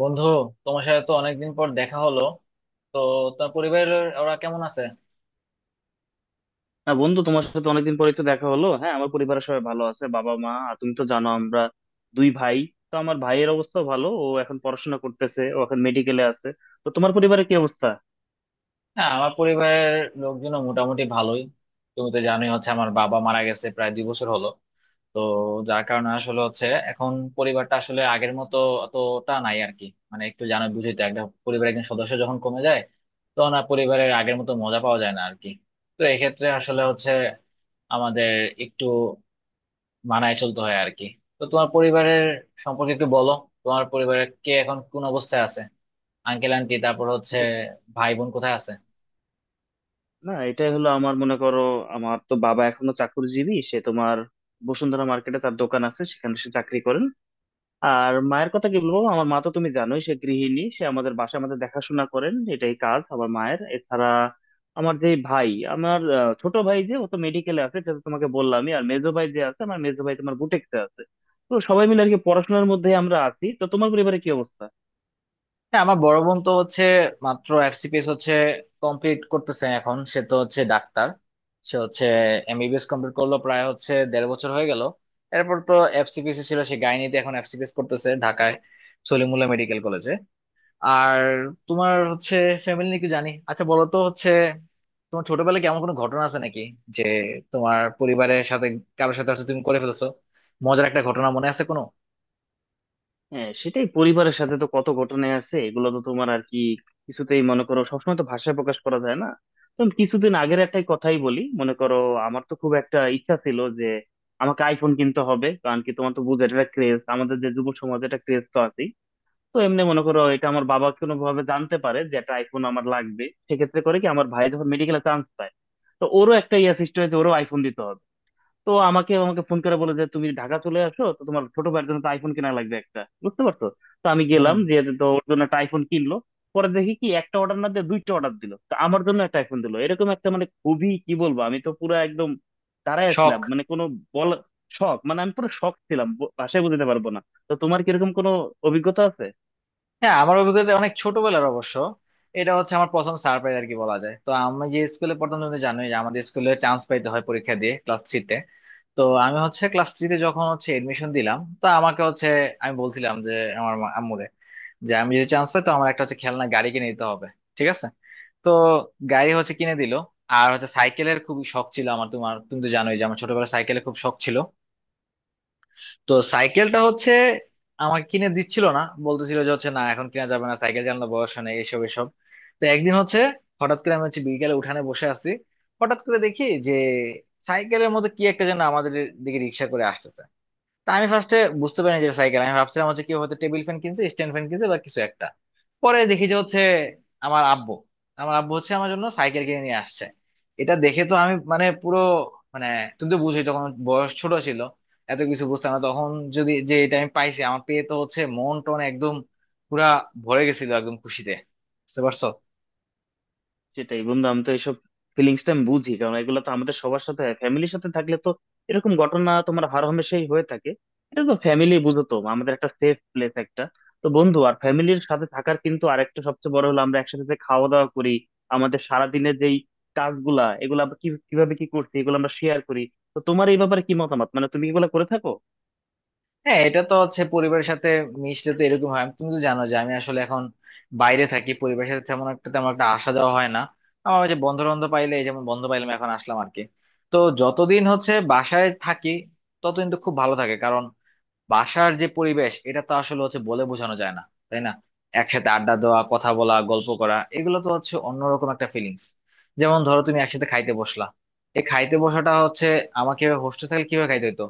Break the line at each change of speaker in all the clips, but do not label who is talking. বন্ধু, তোমার সাথে তো অনেকদিন পর দেখা হলো। তো তোমার পরিবারের ওরা কেমন আছে?
হ্যাঁ বন্ধু, তোমার সাথে অনেকদিন পরেই তো দেখা হলো। হ্যাঁ, আমার পরিবারের সবাই ভালো আছে। বাবা, মা, আর তুমি তো জানো আমরা দুই ভাই। তো আমার ভাইয়ের অবস্থা ভালো, ও এখন পড়াশোনা করতেছে, ও এখন মেডিকেলে আছে। তো তোমার পরিবারে কি অবস্থা?
হ্যাঁ, আমার পরিবারের লোকজনও মোটামুটি ভালোই। তুমি তো জানোই হচ্ছে আমার বাবা মারা গেছে প্রায় 2 বছর হলো। তো যার কারণে আসলে হচ্ছে এখন পরিবারটা আসলে আগের মতো অতটা নাই আর কি। মানে একটু জানো বুঝি তো, একজন পরিবারের একজন সদস্য যখন কমে যায় তখন আর পরিবারের আগের মতো মজা পাওয়া যায় না আর কি। তো এক্ষেত্রে আসলে হচ্ছে আমাদের একটু মানায় চলতে হয় আর কি। তো তোমার পরিবারের সম্পর্কে একটু বলো। তোমার পরিবারের কে এখন কোন অবস্থায় আছে? আঙ্কেল আন্টি, তারপর হচ্ছে ভাই বোন কোথায় আছে?
না, এটাই হলো আমার, মনে করো, আমার তো বাবা এখনো চাকরিজীবী, সে তোমার বসুন্ধরা মার্কেটে তার দোকান আছে, সেখানে সে চাকরি করেন। আর মায়ের কথা কি বলবো, আমার মা তো তুমি জানোই সে গৃহিণী, সে আমাদের বাসায় আমাদের দেখাশোনা করেন, এটাই কাজ আমার মায়ের। এছাড়া আমার যে ভাই, আমার ছোট ভাই যে, ও তো মেডিকেলে আছে সেটা তো তোমাকে বললামই। আর মেজো ভাই যে আছে, আমার মেজো ভাই তোমার বুটেক্সে আছে। তো সবাই মিলে আর কি পড়াশোনার মধ্যে আমরা আছি। তো তোমার পরিবারে কি অবস্থা?
হ্যাঁ, আমার বড় বোন তো হচ্ছে মাত্র এফসিপিএস হচ্ছে কমপ্লিট করতেছে এখন। সে তো হচ্ছে ডাক্তার। সে হচ্ছে এমবিবিএস কমপ্লিট করলো প্রায় হচ্ছে দেড় বছর হয়ে গেল। এরপর তো এফসিপিএস ছিল, সে গাইনিতে এখন এফসিপিএস করতেছে ঢাকায় সলিমুল্লাহ মেডিকেল কলেজে। আর তোমার হচ্ছে ফ্যামিলি নিয়ে কি জানি, আচ্ছা বলো তো হচ্ছে, তোমার ছোটবেলায় কেমন কোনো ঘটনা আছে নাকি, যে তোমার পরিবারের সাথে কারোর সাথে হচ্ছে তুমি করে ফেলছো, মজার একটা ঘটনা মনে আছে কোনো?
হ্যাঁ, সেটাই, পরিবারের সাথে তো কত ঘটনাই আছে, এগুলো তো তোমার আর কি কিছুতেই, মনে করো, সবসময় তো ভাষায় প্রকাশ করা যায় না। তো আমি কিছুদিন আগের একটাই কথাই বলি, মনে করো আমার তো খুব একটা ইচ্ছা ছিল যে আমাকে আইফোন কিনতে হবে। কারণ কি, তোমার তো বুঝে এটা ক্রেজ, আমাদের যে যুব সমাজে এটা ক্রেজ তো আছেই। তো এমনি মনে করো, এটা আমার বাবা কোনো ভাবে জানতে পারে যে একটা আইফোন আমার লাগবে। সেক্ষেত্রে করে কি, আমার ভাই যখন মেডিকেলে চান্স পায়, তো ওরও একটা ইয়া সৃষ্টি হয়েছে, ওরও আইফোন দিতে হবে। তো আমাকে আমাকে ফোন করে বলে যে তুমি ঢাকা চলে আসো, তো তোমার ছোট ভাইয়ের জন্য তো আইফোন কেনা লাগবে একটা, বুঝতে পারছো? তো আমি
হুম।
গেলাম যে, তো ওর জন্য একটা আইফোন কিনলো। পরে দেখি কি, একটা অর্ডার না দিয়ে দুইটা অর্ডার দিল, তো আমার জন্য একটা আইফোন দিল। এরকম একটা, মানে, খুবই কি বলবো, আমি তো পুরো একদম দাঁড়ায় ছিলাম,
শখ।
মানে কোনো বল, শখ মানে, আমি পুরো শখ ছিলাম, ভাষায় বোঝাতে পারবো না। তো তোমার কিরকম কোনো অভিজ্ঞতা আছে?
হ্যাঁ, আমার অভিজ্ঞতা অনেক ছোটবেলার অবশ্য। এটা হচ্ছে আমার প্রথম সারপ্রাইজ আর কি বলা যায়। তো আমি যে স্কুলে পড়তাম, তুমি তো জানোই যে আমাদের স্কুলে চান্স পাইতে হয় পরীক্ষা দিয়ে ক্লাস থ্রিতে। তো আমি হচ্ছে ক্লাস থ্রিতে যখন হচ্ছে এডমিশন দিলাম, তো আমাকে হচ্ছে, আমি বলছিলাম যে আমার আম্মুরে, যে আমি যদি চান্স পাই তো আমার একটা হচ্ছে খেলনা গাড়ি কিনে দিতে হবে। ঠিক আছে। তো গাড়ি হচ্ছে কিনে দিল। আর হচ্ছে সাইকেলের খুব শখ ছিল আমার, তোমার তুমি তো জানোই যে আমার ছোটবেলায় সাইকেলের খুব শখ ছিল। তো সাইকেলটা হচ্ছে আমাকে কিনে দিচ্ছিল না। বলতেছিল যে হচ্ছে না এখন কিনা যাবে না, সাইকেল চালানোর বয়স হয় না, এইসব এসব। তো একদিন হচ্ছে হঠাৎ করে আমি হচ্ছে বিকেলে উঠানে বসে আছি। হঠাৎ করে দেখি যে সাইকেলের মতো কি একটা যেন আমাদের দিকে রিক্সা করে আসতেছে। তা আমি ফার্স্টে বুঝতে পারিনি যে সাইকেল। আমি ভাবছিলাম হচ্ছে কি হয়তো টেবিল ফ্যান কিনছে, স্ট্যান্ড ফ্যান কিনছে, বা কিছু একটা। পরে দেখি যে হচ্ছে আমার আব্বু, আমার আব্বু হচ্ছে আমার জন্য সাইকেল কিনে নিয়ে আসছে। এটা দেখে তো আমি মানে পুরো, মানে, তুমি তো বুঝোই তখন বয়স ছোট ছিল, এত কিছু বুঝতাম না তখন। যদি যে এটা আমি পাইছি, আমার পেয়ে তো হচ্ছে মন টন একদম পুরা ভরে গেছিল একদম খুশিতে। বুঝতে পারছো।
সেটাই বন্ধু, আমি তো এইসব ফিলিংস টা আমি বুঝি। কারণ এগুলো তো আমাদের সবার সাথে, ফ্যামিলির সাথে থাকলে তো এরকম ঘটনা তোমার হরহামেশাই হয়ে থাকে। এটা তো ফ্যামিলি, বুঝো তো, আমাদের একটা সেফ প্লেস একটা। তো বন্ধু, আর ফ্যামিলির সাথে থাকার কিন্তু আরেকটা সবচেয়ে বড় হলো আমরা একসাথে যে খাওয়া দাওয়া করি, আমাদের সারাদিনের যেই কাজগুলা, এগুলো আমরা কিভাবে কি করছি এগুলো আমরা শেয়ার করি। তো তোমার এই ব্যাপারে কি মতামত, মানে তুমি এগুলো করে থাকো?
হ্যাঁ, এটা তো হচ্ছে পরিবারের সাথে মিশতে তো এরকম হয়। তুমি তো জানো যে আমি আসলে এখন বাইরে থাকি, পরিবারের সাথে তেমন একটা আসা যাওয়া হয় না। আমার ওই যে বন্ধু বান্ধব পাইলে, এই যেমন বন্ধু পাইলাম এখন আসলাম আর কি। তো যতদিন হচ্ছে বাসায় থাকি ততদিন তো খুব ভালো থাকে। কারণ বাসার যে পরিবেশ এটা তো আসলে হচ্ছে বলে বোঝানো যায় না, তাই না? একসাথে আড্ডা দেওয়া, কথা বলা, গল্প করা, এগুলো তো হচ্ছে অন্যরকম একটা ফিলিংস। যেমন ধরো তুমি একসাথে খাইতে বসলা। এই খাইতে বসাটা হচ্ছে আমাকে হোস্টেল থাকলে কিভাবে খাইতে হতো,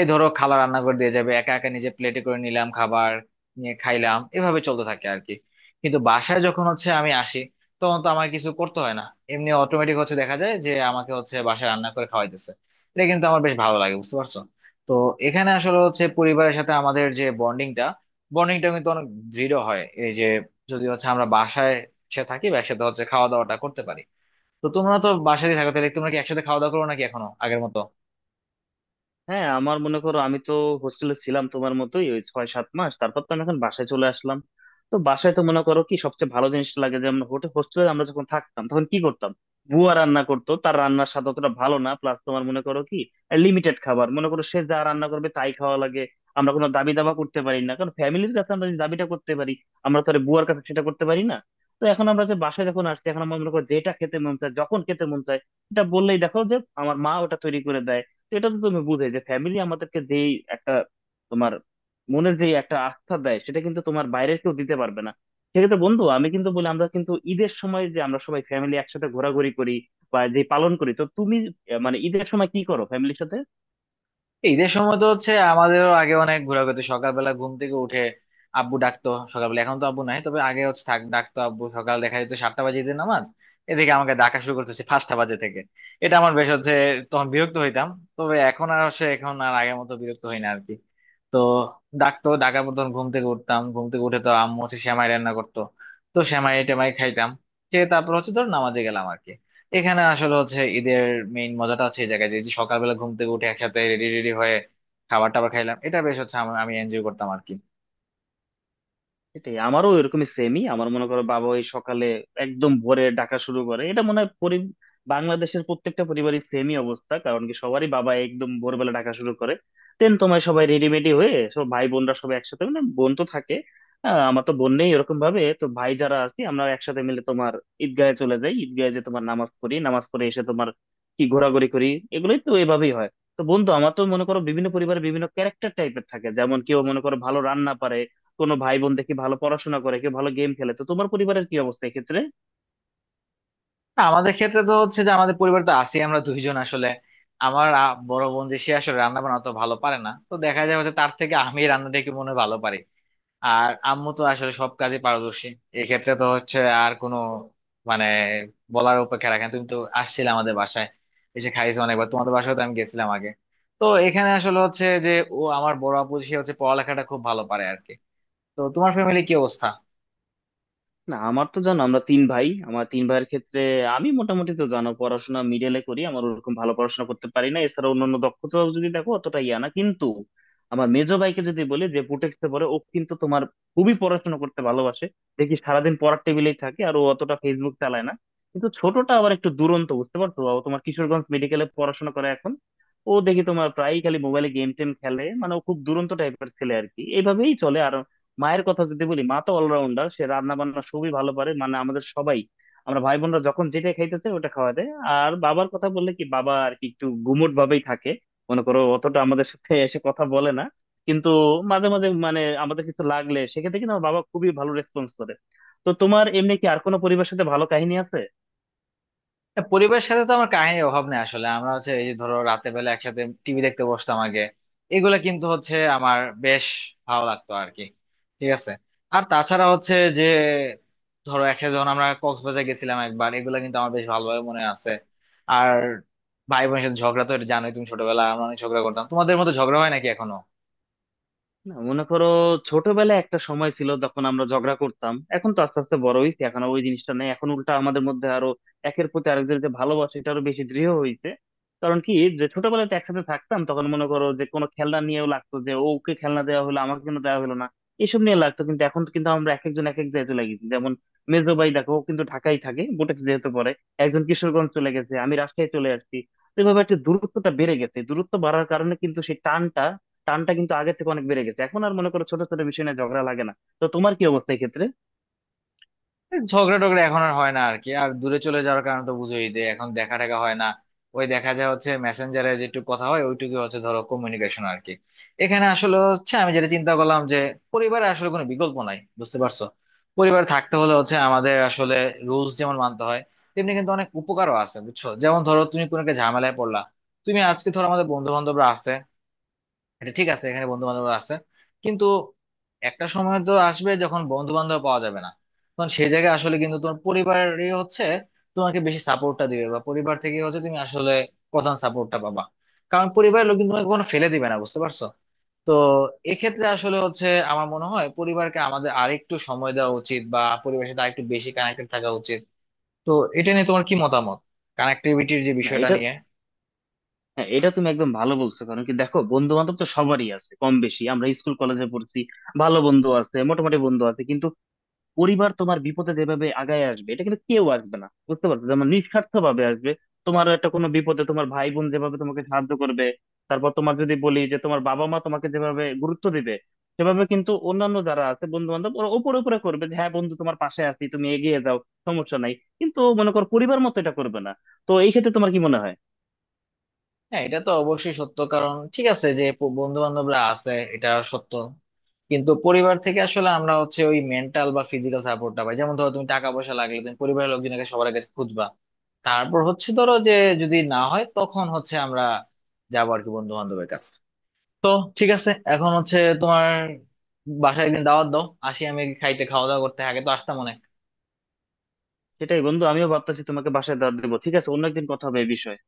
এই ধরো খালা রান্না করে দিয়ে যাবে, একা একা নিজে প্লেটে করে নিলাম খাবার, নিয়ে খাইলাম, এভাবে চলতে থাকে আর কি। কিন্তু বাসায় যখন হচ্ছে আমি আসি, তখন তো আমার কিছু করতে হয় না। এমনি অটোমেটিক হচ্ছে দেখা যায় যে আমাকে হচ্ছে বাসায় রান্না করে খাওয়াইতেছে। এটা কিন্তু আমার বেশ ভালো লাগে, বুঝতে পারছো। তো এখানে আসলে হচ্ছে পরিবারের সাথে আমাদের যে বন্ডিংটা, কিন্তু অনেক দৃঢ় হয় এই যে, যদি হচ্ছে আমরা বাসায় সে থাকি বা একসাথে হচ্ছে খাওয়া দাওয়াটা করতে পারি। তো তোমরা তো বাসায় থাকো, তাহলে তোমরা কি একসাথে খাওয়া দাওয়া করো নাকি এখনো আগের মতো?
হ্যাঁ, আমার মনে করো, আমি তো হোস্টেলে ছিলাম তোমার মতোই ওই ছয় সাত মাস, তারপর তো আমি এখন বাসায় চলে আসলাম। তো বাসায় তো মনে করো কি সবচেয়ে ভালো জিনিসটা লাগে যে, আমরা হোস্টেলে আমরা যখন থাকতাম তখন কি করতাম, বুয়া রান্না করতো, তার রান্নার স্বাদ অতটা ভালো না। প্লাস তোমার মনে করো কি, লিমিটেড খাবার, মনে করো সে যা রান্না করবে তাই খাওয়া লাগে। আমরা কোনো দাবি দাবা করতে পারি না, কারণ ফ্যামিলির কাছে আমরা যদি দাবিটা করতে পারি, আমরা তো আর বুয়ার কাছে সেটা করতে পারি না। তো এখন আমরা যে বাসায় যখন আসছি, এখন আমরা মনে করো যেটা খেতে মন চায়, যখন খেতে মন চায়, এটা বললেই দেখো যে আমার মা ওটা তৈরি করে দেয়। তো এটা তো তুমি বুঝে যে ফ্যামিলি আমাদেরকে যেই একটা তোমার মনের যে একটা আস্থা দেয়, সেটা কিন্তু তোমার বাইরের কেউ দিতে পারবে না। সেক্ষেত্রে বন্ধু, আমি কিন্তু বলি আমরা কিন্তু ঈদের সময় যে আমরা সবাই ফ্যামিলি একসাথে ঘোরাঘুরি করি বা যে পালন করি। তো তুমি, মানে, ঈদের সময় কি করো ফ্যামিলির সাথে?
ঈদের সময় তো হচ্ছে আমাদেরও আগে অনেক ঘোরাঘুরি হতো। সকালবেলা ঘুম থেকে উঠে আব্বু ডাকতো সকালবেলা, এখন তো আব্বু নাই, তবে আগে হচ্ছে থাক ডাকতো আব্বু। সকাল দেখা যেত 7টা বাজে ঈদের নামাজ, এদিকে আমাকে ডাকা শুরু করতেছে 5টা বাজে থেকে। এটা আমার বেশ হচ্ছে তখন বিরক্ত হইতাম, তবে এখন আর সে এখন আর আগের মতো বিরক্ত হই না আর কি। তো ডাকতো, ডাকার পর তখন ঘুম থেকে উঠতাম। ঘুম থেকে উঠে তো আম্মু হচ্ছে সেমাই রান্না করতো। তো সেমাই টেমাই খাইতাম, খেয়ে তারপর হচ্ছে ধর নামাজে গেলাম আর কি। এখানে আসলে হচ্ছে ঈদের মেইন মজাটা হচ্ছে এই জায়গায় যে, এই যে সকালবেলা ঘুম থেকে উঠে একসাথে রেডি রেডি হয়ে খাবার টাবার খাইলাম, এটা বেশ হচ্ছে আমি এনজয় করতাম আর কি।
এটাই, আমারও এরকম সেমই, আমার মনে করো বাবা ওই সকালে একদম ভোরে ডাকা শুরু করে। এটা মনে হয় বাংলাদেশের প্রত্যেকটা পরিবারের সেমই অবস্থা। কারণ কি, সবারই বাবা একদম ভোরবেলা ডাকা শুরু করে দেন। তোমার সবাই রেডিমেডি হয়ে, সব ভাই বোনরা সবাই একসাথে, মানে বোন তো থাকে, আমার তো বোন নেই, এরকম ভাবে তো ভাই যারা আছি আমরা একসাথে মিলে তোমার ঈদগাহে চলে যাই, ঈদগাহে যে তোমার নামাজ পড়ি, নামাজ পড়ে এসে তোমার কি ঘোরাঘুরি করি, এগুলোই তো এভাবেই হয়। তো বন্ধু, আমার তো মনে করো বিভিন্ন পরিবারে বিভিন্ন ক্যারেক্টার টাইপের থাকে। যেমন কেউ মনে করো ভালো রান্না পারে, কোনো ভাই বোন দেখি ভালো পড়াশোনা করে, কেউ ভালো গেম খেলে। তো তোমার পরিবারের কি অবস্থা এক্ষেত্রে?
না, আমাদের ক্ষেত্রে তো হচ্ছে যে আমাদের পরিবার তো আছি আমরা দুইজন আসলে। আমার বড় বোন যে সে আসলে রান্না বান্না অত ভালো পারে না, তো দেখা যায় হচ্ছে তার থেকে আমি রান্নাটা একটু মনে হয় ভালো পারি। আর আম্মু তো আসলে সব কাজে পারদর্শী। এক্ষেত্রে তো হচ্ছে আর কোনো, মানে, বলার অপেক্ষা রাখেন। তুমি তো আসছিলে আমাদের বাসায়, এসে খাইছো অনেকবার। তোমাদের বাসায় তো আমি গেছিলাম আগে। তো এখানে আসলে হচ্ছে যে, ও আমার বড় আপু সে হচ্ছে পড়ালেখাটা খুব ভালো পারে আর কি। তো তোমার ফ্যামিলি কি অবস্থা?
না, আমার তো জানো আমরা তিন ভাই। আমার তিন ভাইয়ের ক্ষেত্রে আমি মোটামুটি তো জানো পড়াশোনা মিডলে করি, আমার ওরকম ভালো পড়াশোনা করতে পারি না। এছাড়া অন্যান্য দক্ষতা যদি দেখো অতটা ইয়া না কিন্তু। আমার মেজো ভাইকে যদি বলি, যে পুটেক্সে পড়ে ও, কিন্তু তোমার খুবই পড়াশোনা করতে ভালোবাসে। দেখি সারাদিন পড়ার টেবিলেই থাকে, আর ও অতটা ফেসবুক চালায় না। কিন্তু ছোটটা আবার একটু দুরন্ত, বুঝতে পারছো, ও তোমার কিশোরগঞ্জ মেডিকেলে পড়াশোনা করে এখন। ও দেখি তোমার প্রায়ই খালি মোবাইলে গেম টেম খেলে, মানে ও খুব দুরন্ত টাইপের ছেলে আর কি, এইভাবেই চলে। আর মায়ের কথা যদি বলি, মা তো অলরাউন্ডার, সে রান্না বান্না খুবই ভালো পারে। মানে আমাদের সবাই, আমরা ভাই বোনরা যখন যেটা খাইতে চাই, ওটা খাওয়া দেয়। আর বাবার কথা বললে কি, বাবা আর কি একটু গুমোট ভাবেই থাকে, মনে করো অতটা আমাদের সাথে এসে কথা বলে না। কিন্তু মাঝে মাঝে, মানে আমাদের কিছু লাগলে, সেক্ষেত্রে কিন্তু আমার বাবা খুবই ভালো রেসপন্স করে। তো তোমার এমনি কি আর কোনো পরিবারের সাথে ভালো কাহিনী আছে?
না, পরিবারের সাথে তো আমার কাহিনীর অভাব নেই আসলে। আমরা হচ্ছে এই যে ধরো রাতে বেলা একসাথে টিভি দেখতে বসতাম আগে, এগুলা কিন্তু হচ্ছে আমার বেশ ভালো লাগতো আর কি। ঠিক আছে। আর তাছাড়া হচ্ছে যে ধরো একসাথে যখন আমরা কক্সবাজার গেছিলাম একবার, এগুলা কিন্তু আমার বেশ ভালোভাবে মনে আছে। আর ভাই বোনের সাথে ঝগড়া তো এটা জানোই তুমি, ছোটবেলায় আমরা অনেক ঝগড়া করতাম। তোমাদের মতো ঝগড়া হয় নাকি এখনো?
না, মনে করো ছোটবেলায় একটা সময় ছিল যখন আমরা ঝগড়া করতাম, এখন তো আস্তে আস্তে বড় হয়েছি, এখন আর ওই জিনিসটা নেই। এখন উল্টা আমাদের মধ্যে আরো একের প্রতি আরেকজনের যে ভালোবাসা এটা আরো বেশি দৃঢ় হইছে। কারণ কি, যে ছোটবেলায় তো একসাথে থাকতাম, তখন মনে করো যে কোনো খেলনা নিয়েও লাগতো, যে ও ওকে খেলনা দেওয়া হলো আমাকে কেন দেওয়া হলো না, এসব নিয়ে লাগতো। কিন্তু এখন তো কিন্তু আমরা এক একজন এক এক জায়গাতে লাগি। যেমন মেজো ভাই দেখো ও কিন্তু ঢাকায় থাকে, বুটেক্স যেহেতু পরে, একজন কিশোরগঞ্জ চলে গেছে, আমি রাজশাহী চলে আসছি। তো এভাবে একটা দূরত্বটা বেড়ে গেছে, দূরত্ব বাড়ার কারণে কিন্তু সেই টানটা টানটা কিন্তু আগের থেকে অনেক বেড়ে গেছে, এখন আর মনে করো ছোট ছোট বিষয় নিয়ে ঝগড়া লাগে না। তো তোমার কি অবস্থা এই ক্ষেত্রে?
ঝগড়া টগড়া এখন আর হয় না আর কি। আর দূরে চলে যাওয়ার কারণে তো বুঝোই যে এখন দেখা টাকা হয় না। ওই দেখা যায় হচ্ছে মেসেঞ্জারে যেটুকু কথা হয়, ওইটুকু হচ্ছে ধরো কমিউনিকেশন আর কি। এখানে আসলে হচ্ছে আমি যেটা চিন্তা করলাম যে পরিবারে আসলে কোনো বিকল্প নাই, বুঝতে পারছো। পরিবারে থাকতে হলে হচ্ছে আমাদের আসলে রুলস যেমন মানতে হয়, তেমনি কিন্তু অনেক উপকারও আছে, বুঝছো। যেমন ধরো তুমি কোনো একটা ঝামেলায় পড়লা, তুমি আজকে ধরো আমাদের বন্ধু বান্ধবরা আছে, এটা ঠিক আছে এখানে বন্ধু বান্ধব আছে, কিন্তু একটা সময় তো আসবে যখন বন্ধু বান্ধব পাওয়া যাবে না। তখন সেই জায়গায় আসলে কিন্তু তোমার পরিবারই হচ্ছে তোমাকে বেশি সাপোর্টটা দিবে, বা পরিবার থেকে হচ্ছে তুমি আসলে প্রধান সাপোর্টটা পাবা। কারণ পরিবারের লোক কিন্তু তোমাকে কোনো ফেলে দিবে না, বুঝতে পারছো। তো এক্ষেত্রে আসলে হচ্ছে আমার মনে হয় পরিবারকে আমাদের আরেকটু সময় দেওয়া উচিত, বা পরিবারের সাথে আরেকটু বেশি কানেক্টেড থাকা উচিত। তো এটা নিয়ে তোমার কি মতামত, কানেক্টিভিটির যে
না
বিষয়টা
এটা
নিয়ে?
হ্যাঁ, এটা তুমি একদম ভালো বলছো। কারণ কি, দেখো বন্ধু বান্ধব তো সবারই আছে কম বেশি, আমরা স্কুল কলেজে পড়ছি, ভালো বন্ধু আছে, মোটামুটি বন্ধু আছে। কিন্তু পরিবার তোমার বিপদে যেভাবে আগায় আসবে এটা কিন্তু কেউ আসবে না, বুঝতে পারছো, যেমন নিঃস্বার্থ ভাবে আসবে। তোমার একটা কোনো বিপদে তোমার ভাই বোন যেভাবে তোমাকে সাহায্য করবে, তারপর তোমার যদি বলি যে তোমার বাবা মা তোমাকে যেভাবে গুরুত্ব দিবে, সেভাবে কিন্তু অন্যান্য যারা আছে বন্ধু বান্ধব, ওরা উপরে উপরে করবে যে হ্যাঁ বন্ধু তোমার পাশে আছি, তুমি এগিয়ে যাও, সমস্যা নাই। কিন্তু মনে করো পরিবার মতো এটা করবে না। তো এই ক্ষেত্রে তোমার কি মনে হয়?
হ্যাঁ এটা তো অবশ্যই সত্য, কারণ ঠিক আছে যে বন্ধু বান্ধবরা আছে এটা সত্য, কিন্তু পরিবার থেকে আসলে আমরা হচ্ছে ওই মেন্টাল বা ফিজিক্যাল সাপোর্টটা পাই। যেমন ধরো তুমি টাকা পয়সা লাগলে তুমি পরিবারের লোকজনকে সবার আগে খুঁজবা। তারপর হচ্ছে ধরো যে যদি না হয় তখন হচ্ছে আমরা যাবো আর কি বন্ধু বান্ধবের কাছে। তো ঠিক আছে, এখন হচ্ছে তোমার বাসায় একদিন দাওয়াত দাও, আসি আমি খাইতে, খাওয়া দাওয়া করতে। আগে তো আসতাম অনেক।
সেটাই বন্ধু, আমিও ভাবতেছি তোমাকে বাসায় দাওয়াত দেবো। ঠিক আছে, অন্য একদিন কথা হবে এই বিষয়ে।